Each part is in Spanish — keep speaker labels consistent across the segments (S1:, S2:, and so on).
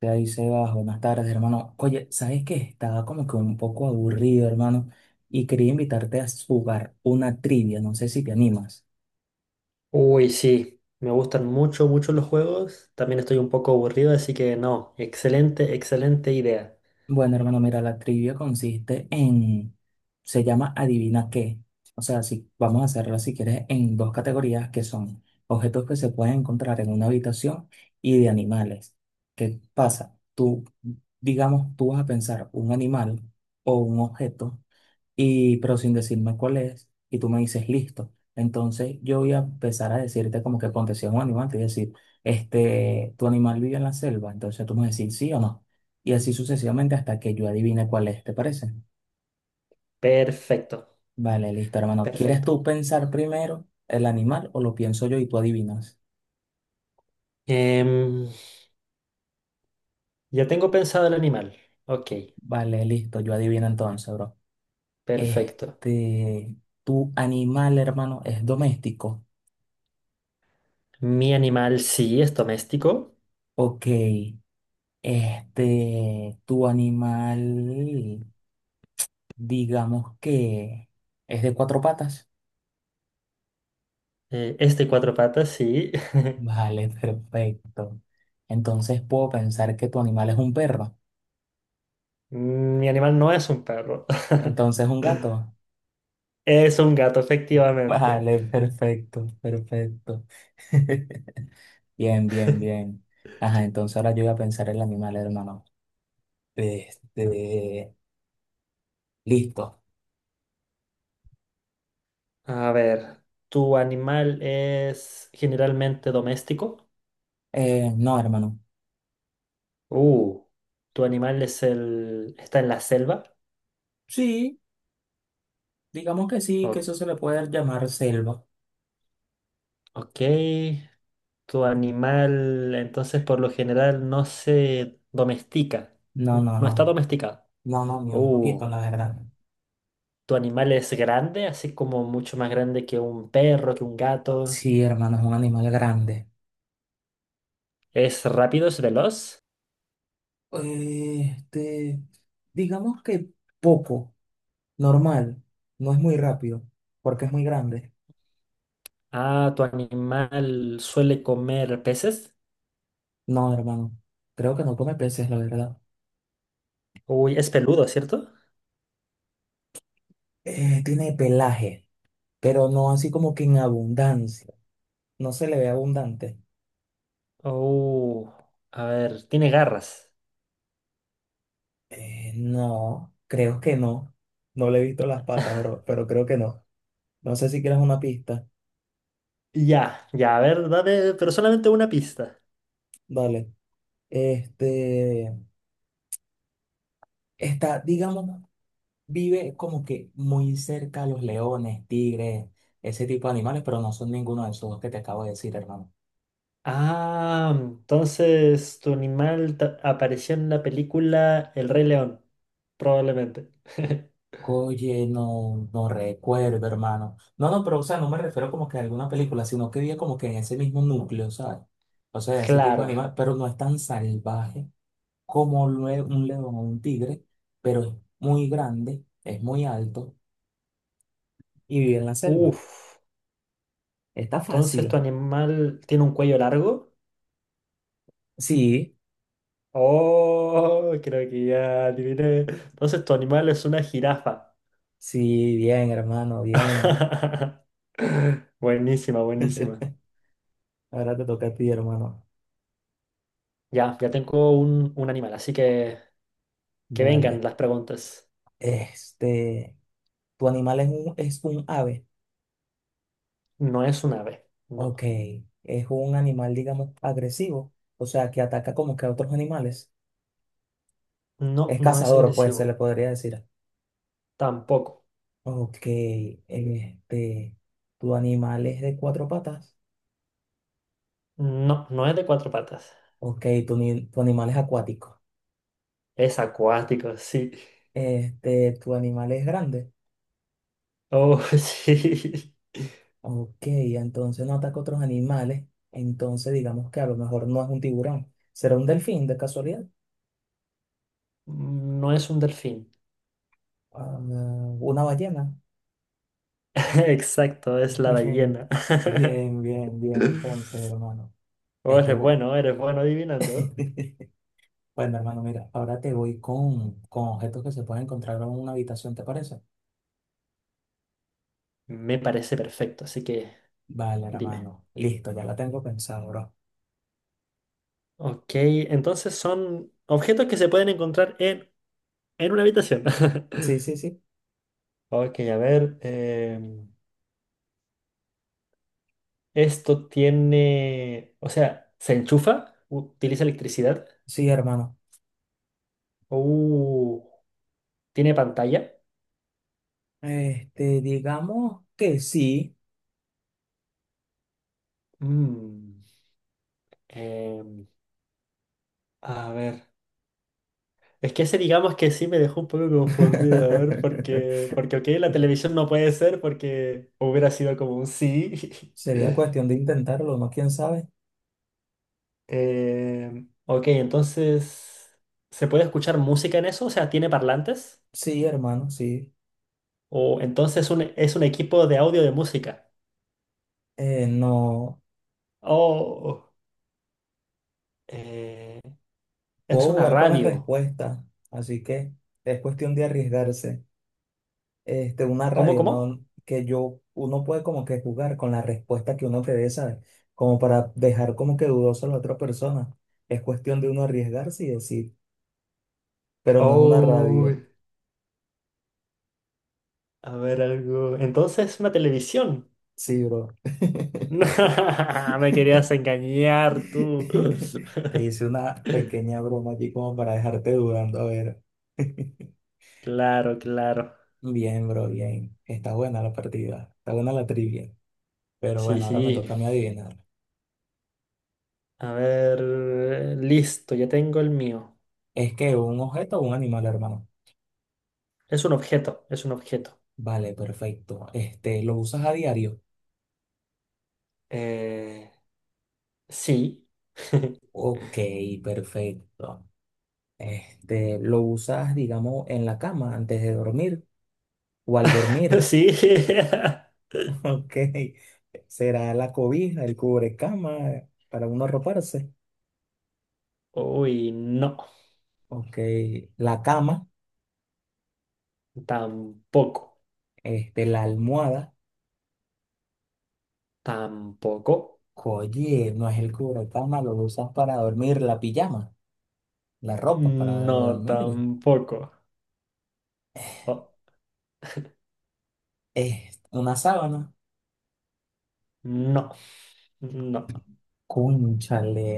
S1: Te dice bajo, buenas tardes, hermano. Oye, ¿sabes qué? Estaba como que un poco aburrido, hermano, y quería invitarte a jugar una trivia, no sé si te animas.
S2: Uy, sí, me gustan mucho, mucho los juegos. También estoy un poco aburrido, así que no, excelente, excelente idea.
S1: Bueno, hermano, mira, la trivia consiste en, se llama Adivina qué. O sea, si vamos a hacerla si quieres en dos categorías que son objetos que se pueden encontrar en una habitación y de animales. ¿Qué pasa? Tú, digamos, tú vas a pensar un animal o un objeto y pero sin decirme cuál es, y tú me dices listo. Entonces yo voy a empezar a decirte como que ponte si es un animal, te voy a decir, tu animal vive en la selva, entonces tú me vas a decir sí o no. Y así sucesivamente hasta que yo adivine cuál es, ¿te parece?
S2: Perfecto,
S1: Vale, listo, hermano. ¿Quieres
S2: perfecto.
S1: tú pensar primero el animal o lo pienso yo y tú adivinas?
S2: Em, ya tengo pensado el animal. Ok,
S1: Vale, listo, yo adivino entonces, bro.
S2: perfecto.
S1: Este, tu animal, hermano, es doméstico.
S2: Mi animal sí es doméstico.
S1: Ok. Este, tu animal. Digamos que es de cuatro patas.
S2: Es de cuatro patas, sí.
S1: Vale, perfecto. Entonces puedo pensar que tu animal es un perro.
S2: Mi animal no es un perro.
S1: Entonces un gato.
S2: Es un gato, efectivamente.
S1: Vale, perfecto, perfecto. Bien, bien, bien. Ajá, entonces ahora yo voy a pensar el animal, hermano. Este, listo.
S2: A ver, ¿tu animal es generalmente doméstico?
S1: No, hermano.
S2: Uh, ¿Tu animal es el... está en la selva?
S1: Sí, digamos que sí, que
S2: O-
S1: eso se le puede llamar selva.
S2: ok. ¿Tu animal entonces por lo general no se domestica?
S1: No, no,
S2: No está
S1: no.
S2: domesticado.
S1: No, no, ni un
S2: Uh,
S1: poquito, la verdad.
S2: ¿Tu animal es grande? Así como mucho más grande que un perro, que un gato.
S1: Sí, hermano, es un animal grande.
S2: ¿Es rápido, es veloz?
S1: Este, digamos que poco, normal, no es muy rápido, porque es muy grande.
S2: Ah, ¿tu animal suele comer peces?
S1: No, hermano, creo que no come peces, la verdad.
S2: Uy, es peludo, ¿cierto?
S1: Tiene pelaje, pero no así como que en abundancia. No se le ve abundante.
S2: Oh, a ver, tiene garras.
S1: No, creo que no. No le he visto las patas, bro, pero creo que no. No sé si quieres una pista.
S2: Ya, ya, a ver, dame, pero solamente una pista.
S1: Dale. Este, está, digamos, vive como que muy cerca a los leones, tigres, ese tipo de animales, pero no son ninguno de esos dos que te acabo de decir, hermano.
S2: Ah, entonces apareció en la película El Rey León, probablemente.
S1: Oye, no, no recuerdo, hermano. No, no, pero o sea, no me refiero como que a alguna película, sino que vive como que en ese mismo núcleo, ¿sabes? O sea, ese tipo de
S2: Claro, ¿eh?
S1: animal, pero no es tan salvaje como un león o un tigre, pero es muy grande, es muy alto y vive en la selva.
S2: Uf,
S1: Está
S2: entonces tu
S1: fácil.
S2: animal tiene un cuello largo.
S1: Sí,
S2: Oh, creo que ya adiviné. Entonces tu animal es una jirafa.
S1: sí, bien, hermano, bien.
S2: Buenísima, buenísima.
S1: Ahora te toca a ti, hermano.
S2: Ya, ya tengo un animal, así que vengan
S1: Vale.
S2: las preguntas.
S1: Este, ¿tu animal es un ave?
S2: No es un ave,
S1: Ok.
S2: no,
S1: Es un animal, digamos, agresivo. O sea, que ataca como que a otros animales.
S2: no,
S1: Es
S2: no es
S1: cazador, pues, se
S2: agresivo,
S1: le podría decir.
S2: tampoco.
S1: Ok. Este, ¿tu animal es de cuatro patas?
S2: No, no es de cuatro patas.
S1: Ok. ¿Tu, tu animal es acuático?
S2: Es acuático, sí.
S1: Este, ¿tu animal es grande?
S2: Oh, sí.
S1: Ok. Entonces no ataca a otros animales. Entonces digamos que a lo mejor no es un tiburón. ¿Será un delfín de casualidad?
S2: No es un delfín.
S1: Ah, ¿una ballena?
S2: Exacto, es la
S1: Bien,
S2: ballena.
S1: bien, bien, bien, entonces, hermano.
S2: Oh,
S1: Este, bu-
S2: eres bueno adivinando.
S1: bueno, hermano, mira, ahora te voy con objetos que se pueden encontrar en una habitación, ¿te parece?
S2: Me parece perfecto, así que
S1: Vale,
S2: dime.
S1: hermano, listo, ya la tengo pensado, bro.
S2: Ok, entonces son objetos que se pueden encontrar en una habitación.
S1: Sí, sí, sí,
S2: Ok, a ver. Esto tiene. O sea, se enchufa, utiliza electricidad.
S1: sí, hermano.
S2: Uh, Tiene pantalla.
S1: Este, digamos que sí.
S2: Mm, em, a ver. Es que ese digamos que sí me dejó un poco confundido, a ver, porque, porque ok, la televisión no puede ser porque hubiera sido como un sí.
S1: Sería cuestión de intentarlo, ¿no? ¿Quién sabe?
S2: Ok, entonces, ¿se puede escuchar música en eso? O sea, ¿tiene parlantes?
S1: Sí, hermano, sí.
S2: O entonces es un equipo de audio de música.
S1: No
S2: Oh, eh, es
S1: puedo
S2: una
S1: jugar con las
S2: radio.
S1: respuestas, así que es cuestión de arriesgarse. Este, una
S2: ¿Cómo,
S1: radio,
S2: cómo?
S1: ¿no? Que yo, uno puede como que jugar con la respuesta que uno te dé, ¿sabes? Como para dejar como que dudoso a la otra persona. Es cuestión de uno arriesgarse y decir, pero no es una
S2: Oh,
S1: radio.
S2: a ver algo. Entonces, una televisión.
S1: Sí, bro.
S2: Me querías engañar tú.
S1: Te hice una pequeña broma aquí como para dejarte dudando, a ver.
S2: Claro, claro.
S1: Bien, bro, bien. Está buena la partida, está buena la trivia. Pero
S2: Sí,
S1: bueno, ahora me
S2: sí.
S1: toca a mí adivinar.
S2: A ver, listo, ya tengo el mío.
S1: ¿Es que un objeto o un animal, hermano?
S2: Es un objeto, es un objeto.
S1: Vale, perfecto. Este, ¿lo usas a diario?
S2: Eh, sí.
S1: Ok, perfecto. Este, ¿lo usas, digamos, en la cama antes de dormir o al dormir?
S2: Sí.
S1: Ok. ¿Será la cobija, el cubrecama para uno arroparse?
S2: Uy, no.
S1: Ok. La cama,
S2: Tampoco.
S1: este, la almohada.
S2: Tampoco.
S1: Oye, no es el cubrecama, lo usas para dormir, la pijama, la ropa para
S2: No,
S1: dormir.
S2: tampoco. Oh,
S1: Es una sábana.
S2: no. No.
S1: Cónchale,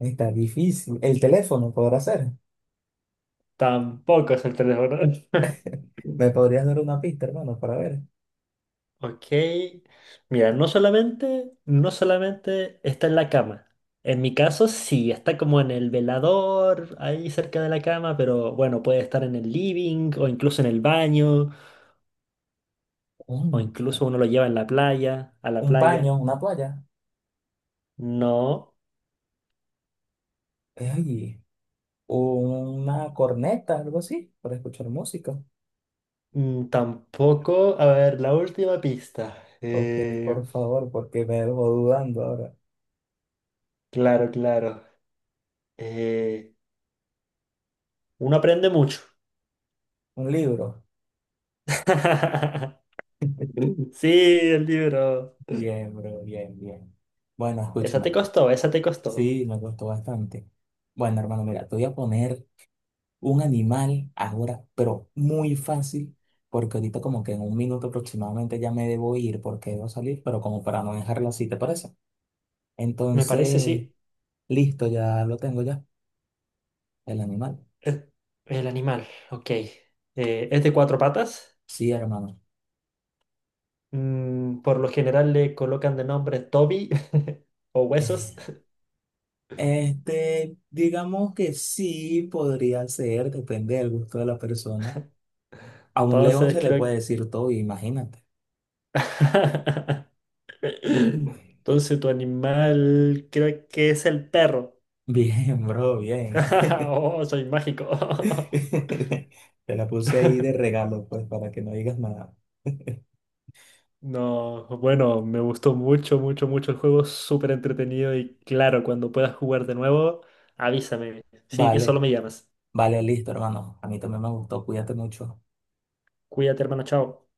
S1: está difícil. El teléfono podrá ser.
S2: Tampoco es el teléfono.
S1: ¿Me podrías dar una pista, hermano, para ver?
S2: Ok. Mira, no solamente, no solamente está en la cama. En mi caso, sí, está como en el velador, ahí cerca de la cama, pero bueno, puede estar en el living o incluso en el baño, o incluso
S1: Cónchale.
S2: uno lo lleva en la playa, a la
S1: Un
S2: playa.
S1: paño, una toalla.
S2: No,
S1: Ay, una corneta, algo así, para escuchar música.
S2: mm, tampoco. A ver, la última pista.
S1: Ok, por favor, porque me dejo dudando ahora.
S2: Claro, claro. Eh, uno aprende mucho.
S1: Un libro.
S2: Sí, el libro.
S1: Bien, bro, bien, bien. Bueno,
S2: Esa te
S1: escúchame.
S2: costó, esa te costó.
S1: Sí, me gustó bastante. Bueno, hermano, mira, te voy a poner un animal ahora, pero muy fácil, porque ahorita como que en un minuto aproximadamente ya me debo ir porque debo salir, pero como para no dejarlo así, ¿te parece?
S2: Me parece,
S1: Entonces,
S2: sí.
S1: listo, ya lo tengo ya, el animal.
S2: El, el animal, ok. Es de cuatro patas.
S1: Sí, hermano.
S2: Por lo general le colocan de nombre Toby o huesos.
S1: Eh, digamos que sí podría ser, depende del gusto de la persona. A un león
S2: Entonces
S1: se le puede
S2: creo...
S1: decir todo, imagínate.
S2: Entonces tu animal creo que es el perro.
S1: Bien, bro, bien.
S2: Oh, soy mágico.
S1: Te la puse ahí de regalo, pues, para que no digas nada.
S2: No, bueno, me gustó mucho, mucho, mucho el juego. Súper entretenido y claro, cuando puedas jugar de nuevo, avísame. Sí, solo
S1: Vale,
S2: me llamas.
S1: vale, listo, hermano. A mí también me gustó, cuídate mucho.
S2: Cuídate, hermano, chao.